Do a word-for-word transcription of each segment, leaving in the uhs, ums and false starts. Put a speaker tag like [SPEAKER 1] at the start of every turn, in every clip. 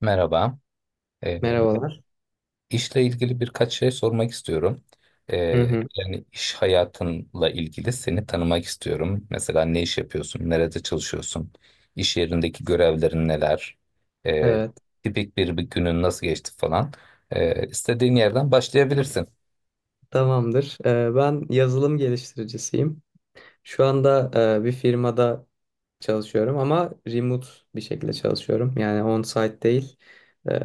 [SPEAKER 1] Merhaba. Ee,
[SPEAKER 2] Merhabalar.
[SPEAKER 1] işle ilgili birkaç şey sormak istiyorum. Ee,
[SPEAKER 2] Hı hı,
[SPEAKER 1] Yani iş hayatınla ilgili seni tanımak istiyorum. Mesela ne iş yapıyorsun, nerede çalışıyorsun, iş yerindeki görevlerin neler, ee,
[SPEAKER 2] evet,
[SPEAKER 1] tipik bir, bir günün nasıl geçti falan. Ee, istediğin yerden başlayabilirsin.
[SPEAKER 2] tamamdır. Ee, ben yazılım geliştiricisiyim. Şu anda e, bir firmada çalışıyorum ama remote bir şekilde çalışıyorum. Yani on-site değil.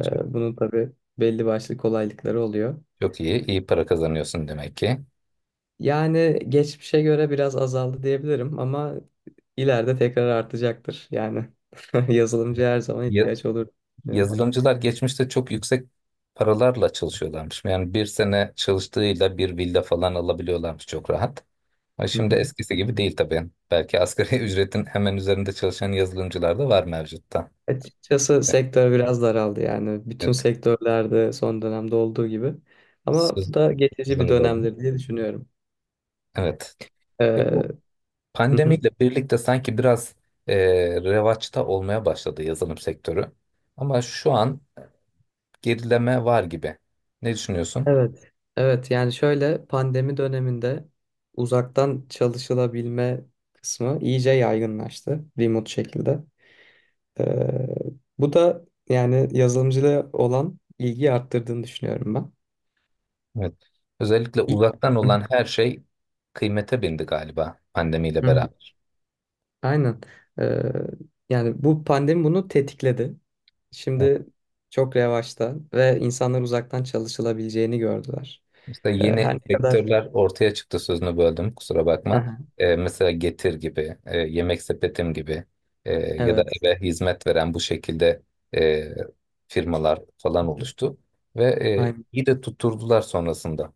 [SPEAKER 1] Çok
[SPEAKER 2] Bunun tabii belli başlı kolaylıkları oluyor.
[SPEAKER 1] çok iyi, iyi para kazanıyorsun demek ki.
[SPEAKER 2] Yani geçmişe göre biraz azaldı diyebilirim ama ileride tekrar artacaktır. Yani yazılımcı her zaman
[SPEAKER 1] Ya-
[SPEAKER 2] ihtiyaç olur. Düşünüyorum.
[SPEAKER 1] Yazılımcılar geçmişte çok yüksek paralarla çalışıyorlarmış. Yani bir sene çalıştığıyla bir villa falan alabiliyorlarmış çok rahat. Ha, şimdi eskisi gibi değil tabii. Belki asgari ücretin hemen üzerinde çalışan yazılımcılar da var mevcutta.
[SPEAKER 2] Açıkçası sektör biraz daraldı yani. Bütün
[SPEAKER 1] Evet.
[SPEAKER 2] sektörlerde son dönemde olduğu gibi. Ama
[SPEAKER 1] Söz,
[SPEAKER 2] bu da geçici bir
[SPEAKER 1] Sözünü böldüm.
[SPEAKER 2] dönemdir diye düşünüyorum.
[SPEAKER 1] Evet. Ya bu
[SPEAKER 2] Ee, hı hı.
[SPEAKER 1] pandemiyle birlikte sanki biraz e, revaçta olmaya başladı yazılım sektörü. Ama şu an gerileme var gibi. Ne düşünüyorsun?
[SPEAKER 2] Evet. Evet yani şöyle pandemi döneminde uzaktan çalışılabilme kısmı iyice yaygınlaştı remote şekilde. Ee, Bu da yani yazılımcılığa olan ilgiyi arttırdığını düşünüyorum ben.
[SPEAKER 1] Evet. Özellikle
[SPEAKER 2] İ-
[SPEAKER 1] uzaktan olan her şey kıymete bindi galiba pandemiyle
[SPEAKER 2] Hı hı.
[SPEAKER 1] beraber.
[SPEAKER 2] Aynen. Ee, Yani bu pandemi bunu tetikledi. Şimdi çok revaçta ve insanlar uzaktan çalışılabileceğini gördüler.
[SPEAKER 1] Mesela
[SPEAKER 2] Ee, Her
[SPEAKER 1] yeni
[SPEAKER 2] ne kadar.
[SPEAKER 1] sektörler ortaya çıktı, sözünü böldüm, kusura
[SPEAKER 2] Hı
[SPEAKER 1] bakma.
[SPEAKER 2] hı.
[SPEAKER 1] Ee, mesela Getir gibi, e, Yemek Sepetim gibi, e, ya da
[SPEAKER 2] Evet,
[SPEAKER 1] eve hizmet veren bu şekilde e, firmalar falan oluştu. Ve e,
[SPEAKER 2] aynen,
[SPEAKER 1] iyi de tutturdular sonrasında.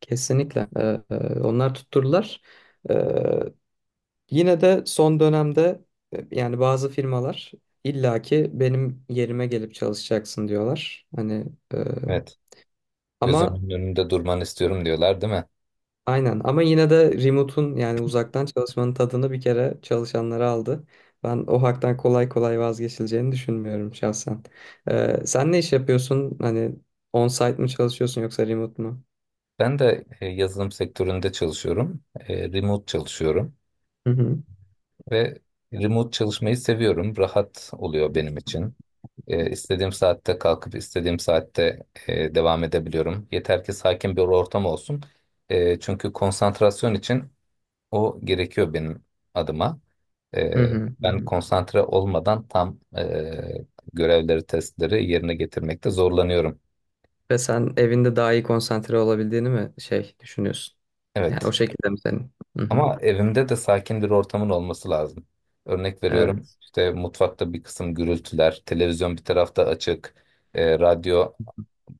[SPEAKER 2] kesinlikle. Ee, e, onlar tutturdular. Ee, Yine de son dönemde e, yani bazı firmalar illaki benim yerime gelip çalışacaksın diyorlar. Hani e,
[SPEAKER 1] Evet,
[SPEAKER 2] ama
[SPEAKER 1] gözümün önünde durmanı istiyorum diyorlar değil mi?
[SPEAKER 2] aynen, ama yine de remote'un yani uzaktan çalışmanın tadını bir kere çalışanlara aldı. Ben o haktan kolay kolay vazgeçileceğini düşünmüyorum şahsen. Ee, sen ne iş yapıyorsun? Hani on-site mi çalışıyorsun yoksa remote mu?
[SPEAKER 1] Ben de e, yazılım sektöründe çalışıyorum. E, remote çalışıyorum.
[SPEAKER 2] Hı hı.
[SPEAKER 1] Ve remote çalışmayı seviyorum. Rahat oluyor benim için. Ee, istediğim saatte kalkıp istediğim saatte e, devam edebiliyorum. Yeter ki sakin bir ortam olsun. Ee, çünkü konsantrasyon için o gerekiyor benim adıma.
[SPEAKER 2] Hı
[SPEAKER 1] Ee,
[SPEAKER 2] hı. Hı
[SPEAKER 1] Ben
[SPEAKER 2] hı.
[SPEAKER 1] konsantre olmadan tam e, görevleri, testleri yerine getirmekte zorlanıyorum.
[SPEAKER 2] Ve sen evinde daha iyi konsantre olabildiğini mi şey düşünüyorsun? Yani
[SPEAKER 1] Evet.
[SPEAKER 2] o şekilde mi senin? Hı hı.
[SPEAKER 1] Ama evimde de sakin bir ortamın olması lazım. Örnek veriyorum,
[SPEAKER 2] Evet.
[SPEAKER 1] işte mutfakta bir kısım gürültüler, televizyon bir tarafta açık, e, radyo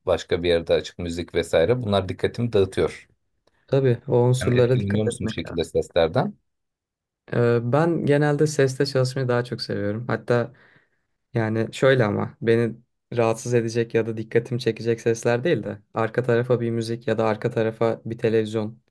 [SPEAKER 1] başka bir yerde açık, müzik vesaire. Bunlar dikkatimi dağıtıyor.
[SPEAKER 2] Tabii o
[SPEAKER 1] Yani
[SPEAKER 2] unsurlara
[SPEAKER 1] etkileniyor
[SPEAKER 2] dikkat
[SPEAKER 1] musun bu
[SPEAKER 2] etmek
[SPEAKER 1] şekilde
[SPEAKER 2] lazım.
[SPEAKER 1] seslerden?
[SPEAKER 2] Ee, ben genelde seste çalışmayı daha çok seviyorum. Hatta yani şöyle, ama beni rahatsız edecek ya da dikkatimi çekecek sesler değil de arka tarafa bir müzik ya da arka tarafa bir televizyon.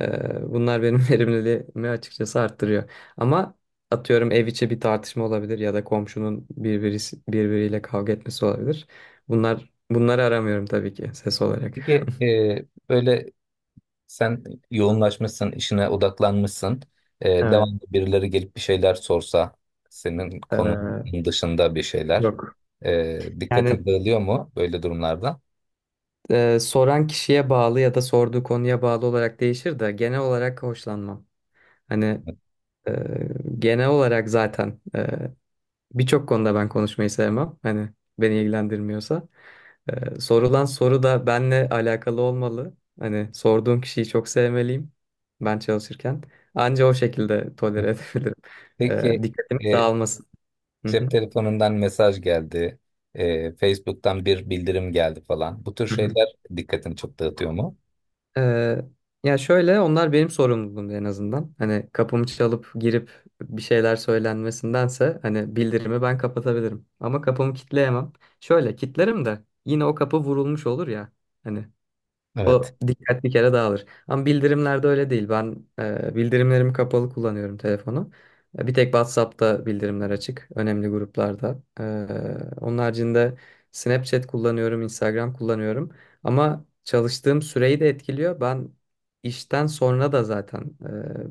[SPEAKER 2] Ee, bunlar benim verimliliğimi açıkçası arttırıyor. Ama atıyorum ev içi bir tartışma olabilir ya da komşunun birbirisi, birbiriyle kavga etmesi olabilir. Bunlar, bunları aramıyorum tabii ki ses olarak.
[SPEAKER 1] Peki e, böyle sen yoğunlaşmışsın, işine odaklanmışsın. E,
[SPEAKER 2] Evet.
[SPEAKER 1] devamlı birileri gelip bir şeyler sorsa, senin konunun
[SPEAKER 2] ee,
[SPEAKER 1] dışında bir şeyler.
[SPEAKER 2] Yok.
[SPEAKER 1] E,
[SPEAKER 2] Yani
[SPEAKER 1] dikkatin dağılıyor mu böyle durumlarda?
[SPEAKER 2] e, soran kişiye bağlı ya da sorduğu konuya bağlı olarak değişir de genel olarak hoşlanmam. Hani. Ee, Genel olarak zaten e, birçok konuda ben konuşmayı sevmem. Hani beni ilgilendirmiyorsa. Ee, sorulan soru da benle alakalı olmalı. Hani sorduğum kişiyi çok sevmeliyim ben çalışırken. Anca o şekilde tolere edebilirim. Ee,
[SPEAKER 1] Peki.
[SPEAKER 2] dikkatimi
[SPEAKER 1] E,
[SPEAKER 2] dağılmasın. Hı
[SPEAKER 1] Cep
[SPEAKER 2] hı.
[SPEAKER 1] telefonundan mesaj geldi. e, Facebook'tan bir bildirim geldi falan. Bu tür
[SPEAKER 2] Hı hı.
[SPEAKER 1] şeyler dikkatini çok dağıtıyor mu?
[SPEAKER 2] Ee, Ya şöyle, onlar benim sorumluluğumdu en azından. Hani kapımı çalıp girip bir şeyler söylenmesindense hani bildirimi ben kapatabilirim. Ama kapımı kitleyemem. Şöyle kitlerim de yine o kapı vurulmuş olur ya. Hani
[SPEAKER 1] Evet.
[SPEAKER 2] o dikkat bir kere dağılır. Ama bildirimlerde öyle değil. Ben e, bildirimlerimi kapalı kullanıyorum telefonu. E, Bir tek WhatsApp'ta bildirimler açık. Önemli gruplarda. E, onun haricinde Snapchat kullanıyorum, Instagram kullanıyorum. Ama çalıştığım süreyi de etkiliyor. Ben işten sonra da zaten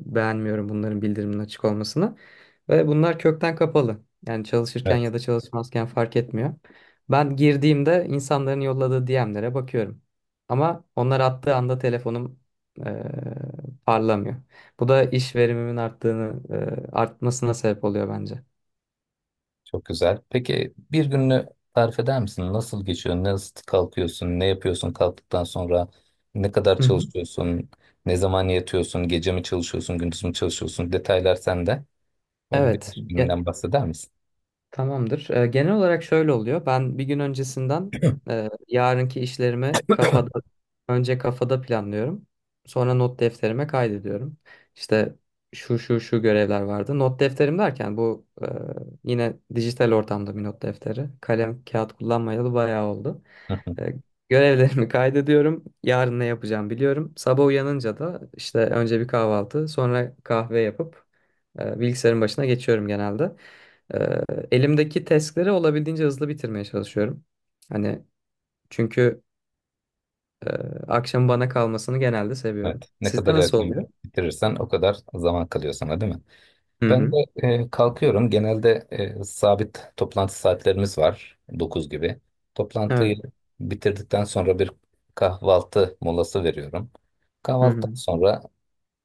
[SPEAKER 2] e, beğenmiyorum bunların bildiriminin açık olmasını. Ve bunlar kökten kapalı. Yani çalışırken
[SPEAKER 1] Evet.
[SPEAKER 2] ya da çalışmazken fark etmiyor. Ben girdiğimde insanların yolladığı d m'lere bakıyorum. Ama onlar attığı anda telefonum eee, parlamıyor. Bu da iş verimimin arttığını, eee, artmasına sebep oluyor bence.
[SPEAKER 1] Çok güzel. Peki bir gününü tarif eder misin? Nasıl geçiyor? Nasıl kalkıyorsun? Ne yapıyorsun kalktıktan sonra? Ne kadar
[SPEAKER 2] Hı hı.
[SPEAKER 1] çalışıyorsun? Ne zaman yatıyorsun? Gece mi çalışıyorsun? Gündüz mü çalışıyorsun? Detaylar sende. Böyle bir
[SPEAKER 2] Evet.
[SPEAKER 1] iş
[SPEAKER 2] Ge-
[SPEAKER 1] gününden bahseder misin?
[SPEAKER 2] Tamamdır. Ee, genel olarak şöyle oluyor. Ben bir gün öncesinden e, yarınki işlerimi kafada önce kafada planlıyorum. Sonra not defterime kaydediyorum. İşte şu şu şu görevler vardı. Not defterim derken bu e, yine dijital ortamda bir not defteri. Kalem kağıt kullanmayalı bayağı oldu. E, Görevlerimi kaydediyorum. Yarın ne yapacağım biliyorum. Sabah uyanınca da işte önce bir kahvaltı, sonra kahve yapıp e, bilgisayarın başına geçiyorum genelde. Ee, Elimdeki testleri olabildiğince hızlı bitirmeye çalışıyorum. Hani çünkü e, akşam bana kalmasını genelde seviyorum.
[SPEAKER 1] Evet. Ne
[SPEAKER 2] Sizde
[SPEAKER 1] kadar
[SPEAKER 2] nasıl
[SPEAKER 1] erken
[SPEAKER 2] oluyor?
[SPEAKER 1] bitirirsen o kadar zaman kalıyor sana, değil mi?
[SPEAKER 2] Hı
[SPEAKER 1] Ben de
[SPEAKER 2] hı.
[SPEAKER 1] e, kalkıyorum. Genelde e, sabit toplantı saatlerimiz var, dokuz gibi. Toplantıyı
[SPEAKER 2] Evet.
[SPEAKER 1] bitirdikten sonra bir kahvaltı molası veriyorum.
[SPEAKER 2] Hı
[SPEAKER 1] Kahvaltıdan
[SPEAKER 2] hı.
[SPEAKER 1] sonra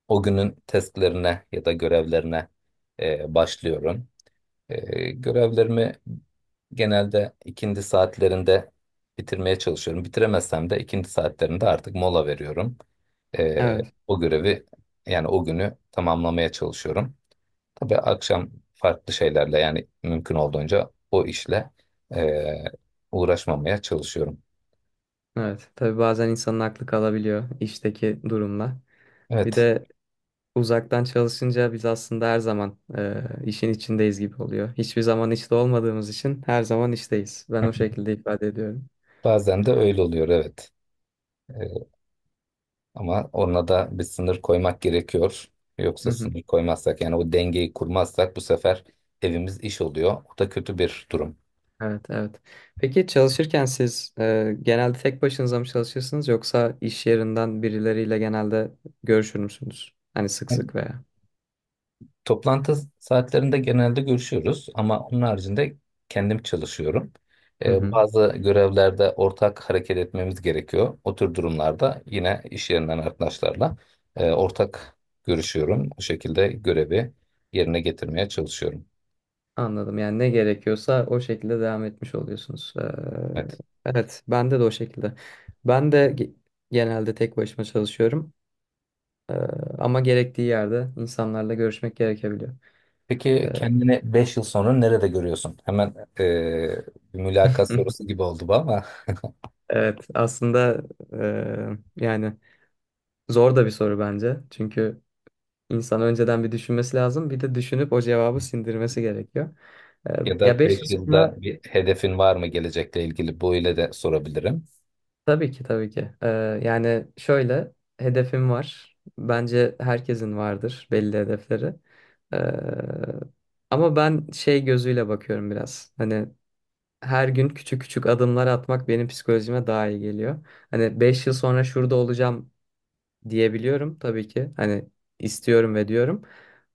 [SPEAKER 1] o günün testlerine ya da görevlerine e, başlıyorum. E, görevlerimi genelde ikindi saatlerinde bitirmeye çalışıyorum. Bitiremezsem de ikindi saatlerinde artık mola veriyorum. E,
[SPEAKER 2] Evet.
[SPEAKER 1] O görevi, yani o günü tamamlamaya çalışıyorum. Tabii akşam farklı şeylerle, yani mümkün olduğunca o işle eee, uğraşmamaya çalışıyorum.
[SPEAKER 2] Evet. Tabii bazen insanın aklı kalabiliyor işteki durumla. Bir
[SPEAKER 1] Evet.
[SPEAKER 2] de uzaktan çalışınca biz aslında her zaman e, işin içindeyiz gibi oluyor. Hiçbir zaman işte olmadığımız için her zaman işteyiz. Ben o şekilde ifade ediyorum.
[SPEAKER 1] Bazen de öyle oluyor, evet. Eee, Ama ona da bir sınır koymak gerekiyor.
[SPEAKER 2] Hı
[SPEAKER 1] Yoksa
[SPEAKER 2] hı.
[SPEAKER 1] sınır koymazsak, yani o dengeyi kurmazsak, bu sefer evimiz iş oluyor. O da kötü bir durum.
[SPEAKER 2] Evet, evet. Peki çalışırken siz e, genelde tek başınıza mı çalışırsınız yoksa iş yerinden birileriyle genelde görüşür müsünüz? Hani sık sık veya.
[SPEAKER 1] Toplantı saatlerinde genelde görüşüyoruz ama onun haricinde kendim çalışıyorum.
[SPEAKER 2] Hı
[SPEAKER 1] Ee,
[SPEAKER 2] hı.
[SPEAKER 1] bazı görevlerde ortak hareket etmemiz gerekiyor. O tür durumlarda yine iş yerinden arkadaşlarla e, ortak görüşüyorum. O şekilde görevi yerine getirmeye çalışıyorum.
[SPEAKER 2] Anladım. Yani ne gerekiyorsa o şekilde devam etmiş oluyorsunuz. Ee,
[SPEAKER 1] Evet.
[SPEAKER 2] evet, bende de o şekilde. Ben de ge- genelde tek başıma çalışıyorum. Ee, Ama gerektiği yerde insanlarla görüşmek gerekebiliyor.
[SPEAKER 1] Peki
[SPEAKER 2] Ee,
[SPEAKER 1] kendini beş yıl sonra nerede görüyorsun? Hemen e, bir mülakat sorusu gibi oldu bu ama
[SPEAKER 2] evet, aslında e, yani zor da bir soru bence. Çünkü İnsan önceden bir düşünmesi lazım. Bir de düşünüp o cevabı sindirmesi gerekiyor. Ee,
[SPEAKER 1] ya
[SPEAKER 2] Ya
[SPEAKER 1] da
[SPEAKER 2] beş yıl
[SPEAKER 1] beş
[SPEAKER 2] sonra
[SPEAKER 1] yılda bir hedefin var mı gelecekle ilgili? Bu ile de sorabilirim,
[SPEAKER 2] tabii ki, tabii ki. Ee, yani şöyle, hedefim var. Bence herkesin vardır belli hedefleri. Ee, Ama ben şey gözüyle bakıyorum biraz. Hani her gün küçük küçük adımlar atmak benim psikolojime daha iyi geliyor. Hani beş yıl sonra şurada olacağım diyebiliyorum tabii ki. Hani istiyorum ve diyorum.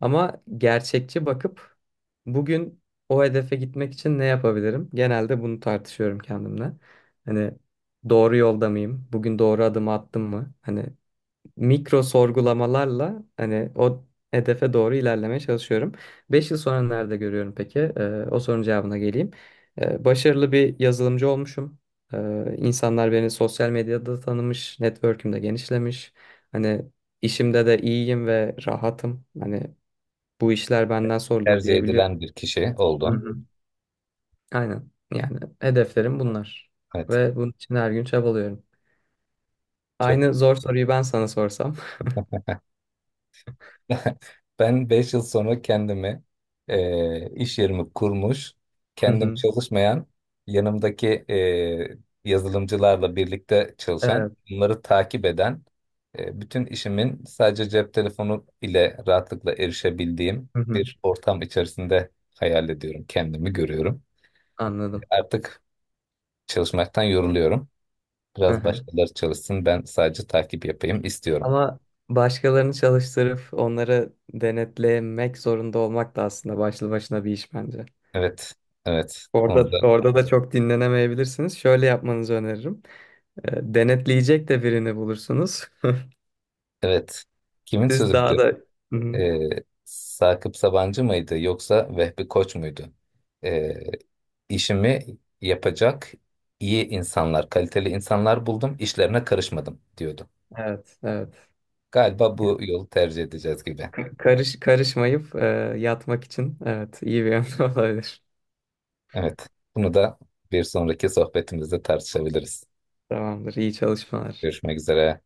[SPEAKER 2] Ama gerçekçi bakıp bugün o hedefe gitmek için ne yapabilirim? Genelde bunu tartışıyorum kendimle. Hani doğru yolda mıyım? Bugün doğru adımı attım mı? Hani mikro sorgulamalarla hani o hedefe doğru ilerlemeye çalışıyorum. Beş yıl sonra nerede görüyorum peki? Ee, o sorunun cevabına geleyim. Ee, başarılı bir yazılımcı olmuşum. Ee, insanlar beni sosyal medyada tanımış, network'üm de genişlemiş. Hani işimde de iyiyim ve rahatım. Hani bu işler benden sorulur
[SPEAKER 1] tercih
[SPEAKER 2] diyebiliyorum.
[SPEAKER 1] edilen bir kişi
[SPEAKER 2] Hı
[SPEAKER 1] oldun.
[SPEAKER 2] hı. Aynen. Yani hedeflerim bunlar.
[SPEAKER 1] Evet,
[SPEAKER 2] Ve bunun için her gün çabalıyorum.
[SPEAKER 1] çok.
[SPEAKER 2] Aynı zor soruyu ben sana sorsam.
[SPEAKER 1] Ben beş yıl sonra kendimi e, iş yerimi kurmuş,
[SPEAKER 2] Hı
[SPEAKER 1] kendim
[SPEAKER 2] hı.
[SPEAKER 1] çalışmayan, yanımdaki e, yazılımcılarla birlikte çalışan,
[SPEAKER 2] Evet.
[SPEAKER 1] bunları takip eden, e, bütün işimin sadece cep telefonu ile rahatlıkla erişebildiğim
[SPEAKER 2] Hı hı.
[SPEAKER 1] bir ortam içerisinde hayal ediyorum, kendimi görüyorum.
[SPEAKER 2] Anladım.
[SPEAKER 1] Artık çalışmaktan yoruluyorum.
[SPEAKER 2] Hı
[SPEAKER 1] Biraz
[SPEAKER 2] hı.
[SPEAKER 1] başkaları çalışsın, ben sadece takip yapayım istiyorum.
[SPEAKER 2] Ama başkalarını çalıştırıp onları denetlemek zorunda olmak da aslında başlı başına bir iş bence.
[SPEAKER 1] Evet, evet. Onu
[SPEAKER 2] Orada
[SPEAKER 1] da.
[SPEAKER 2] orada da çok dinlenemeyebilirsiniz. Şöyle yapmanızı öneririm. E, Denetleyecek de birini bulursunuz.
[SPEAKER 1] Evet. Kimin
[SPEAKER 2] Siz
[SPEAKER 1] sözüydü?
[SPEAKER 2] daha da. Hı hı.
[SPEAKER 1] Ee, Sakıp Sabancı mıydı yoksa Vehbi Koç muydu? Ee, işimi yapacak iyi insanlar, kaliteli insanlar buldum, işlerine karışmadım diyordu.
[SPEAKER 2] Evet, evet.
[SPEAKER 1] Galiba
[SPEAKER 2] Yani
[SPEAKER 1] bu yolu tercih edeceğiz gibi.
[SPEAKER 2] karış karışmayıp e, yatmak için, evet, iyi bir yöntem olabilir.
[SPEAKER 1] Evet. Bunu da bir sonraki sohbetimizde tartışabiliriz.
[SPEAKER 2] Tamamdır. İyi çalışmalar.
[SPEAKER 1] Görüşmek üzere.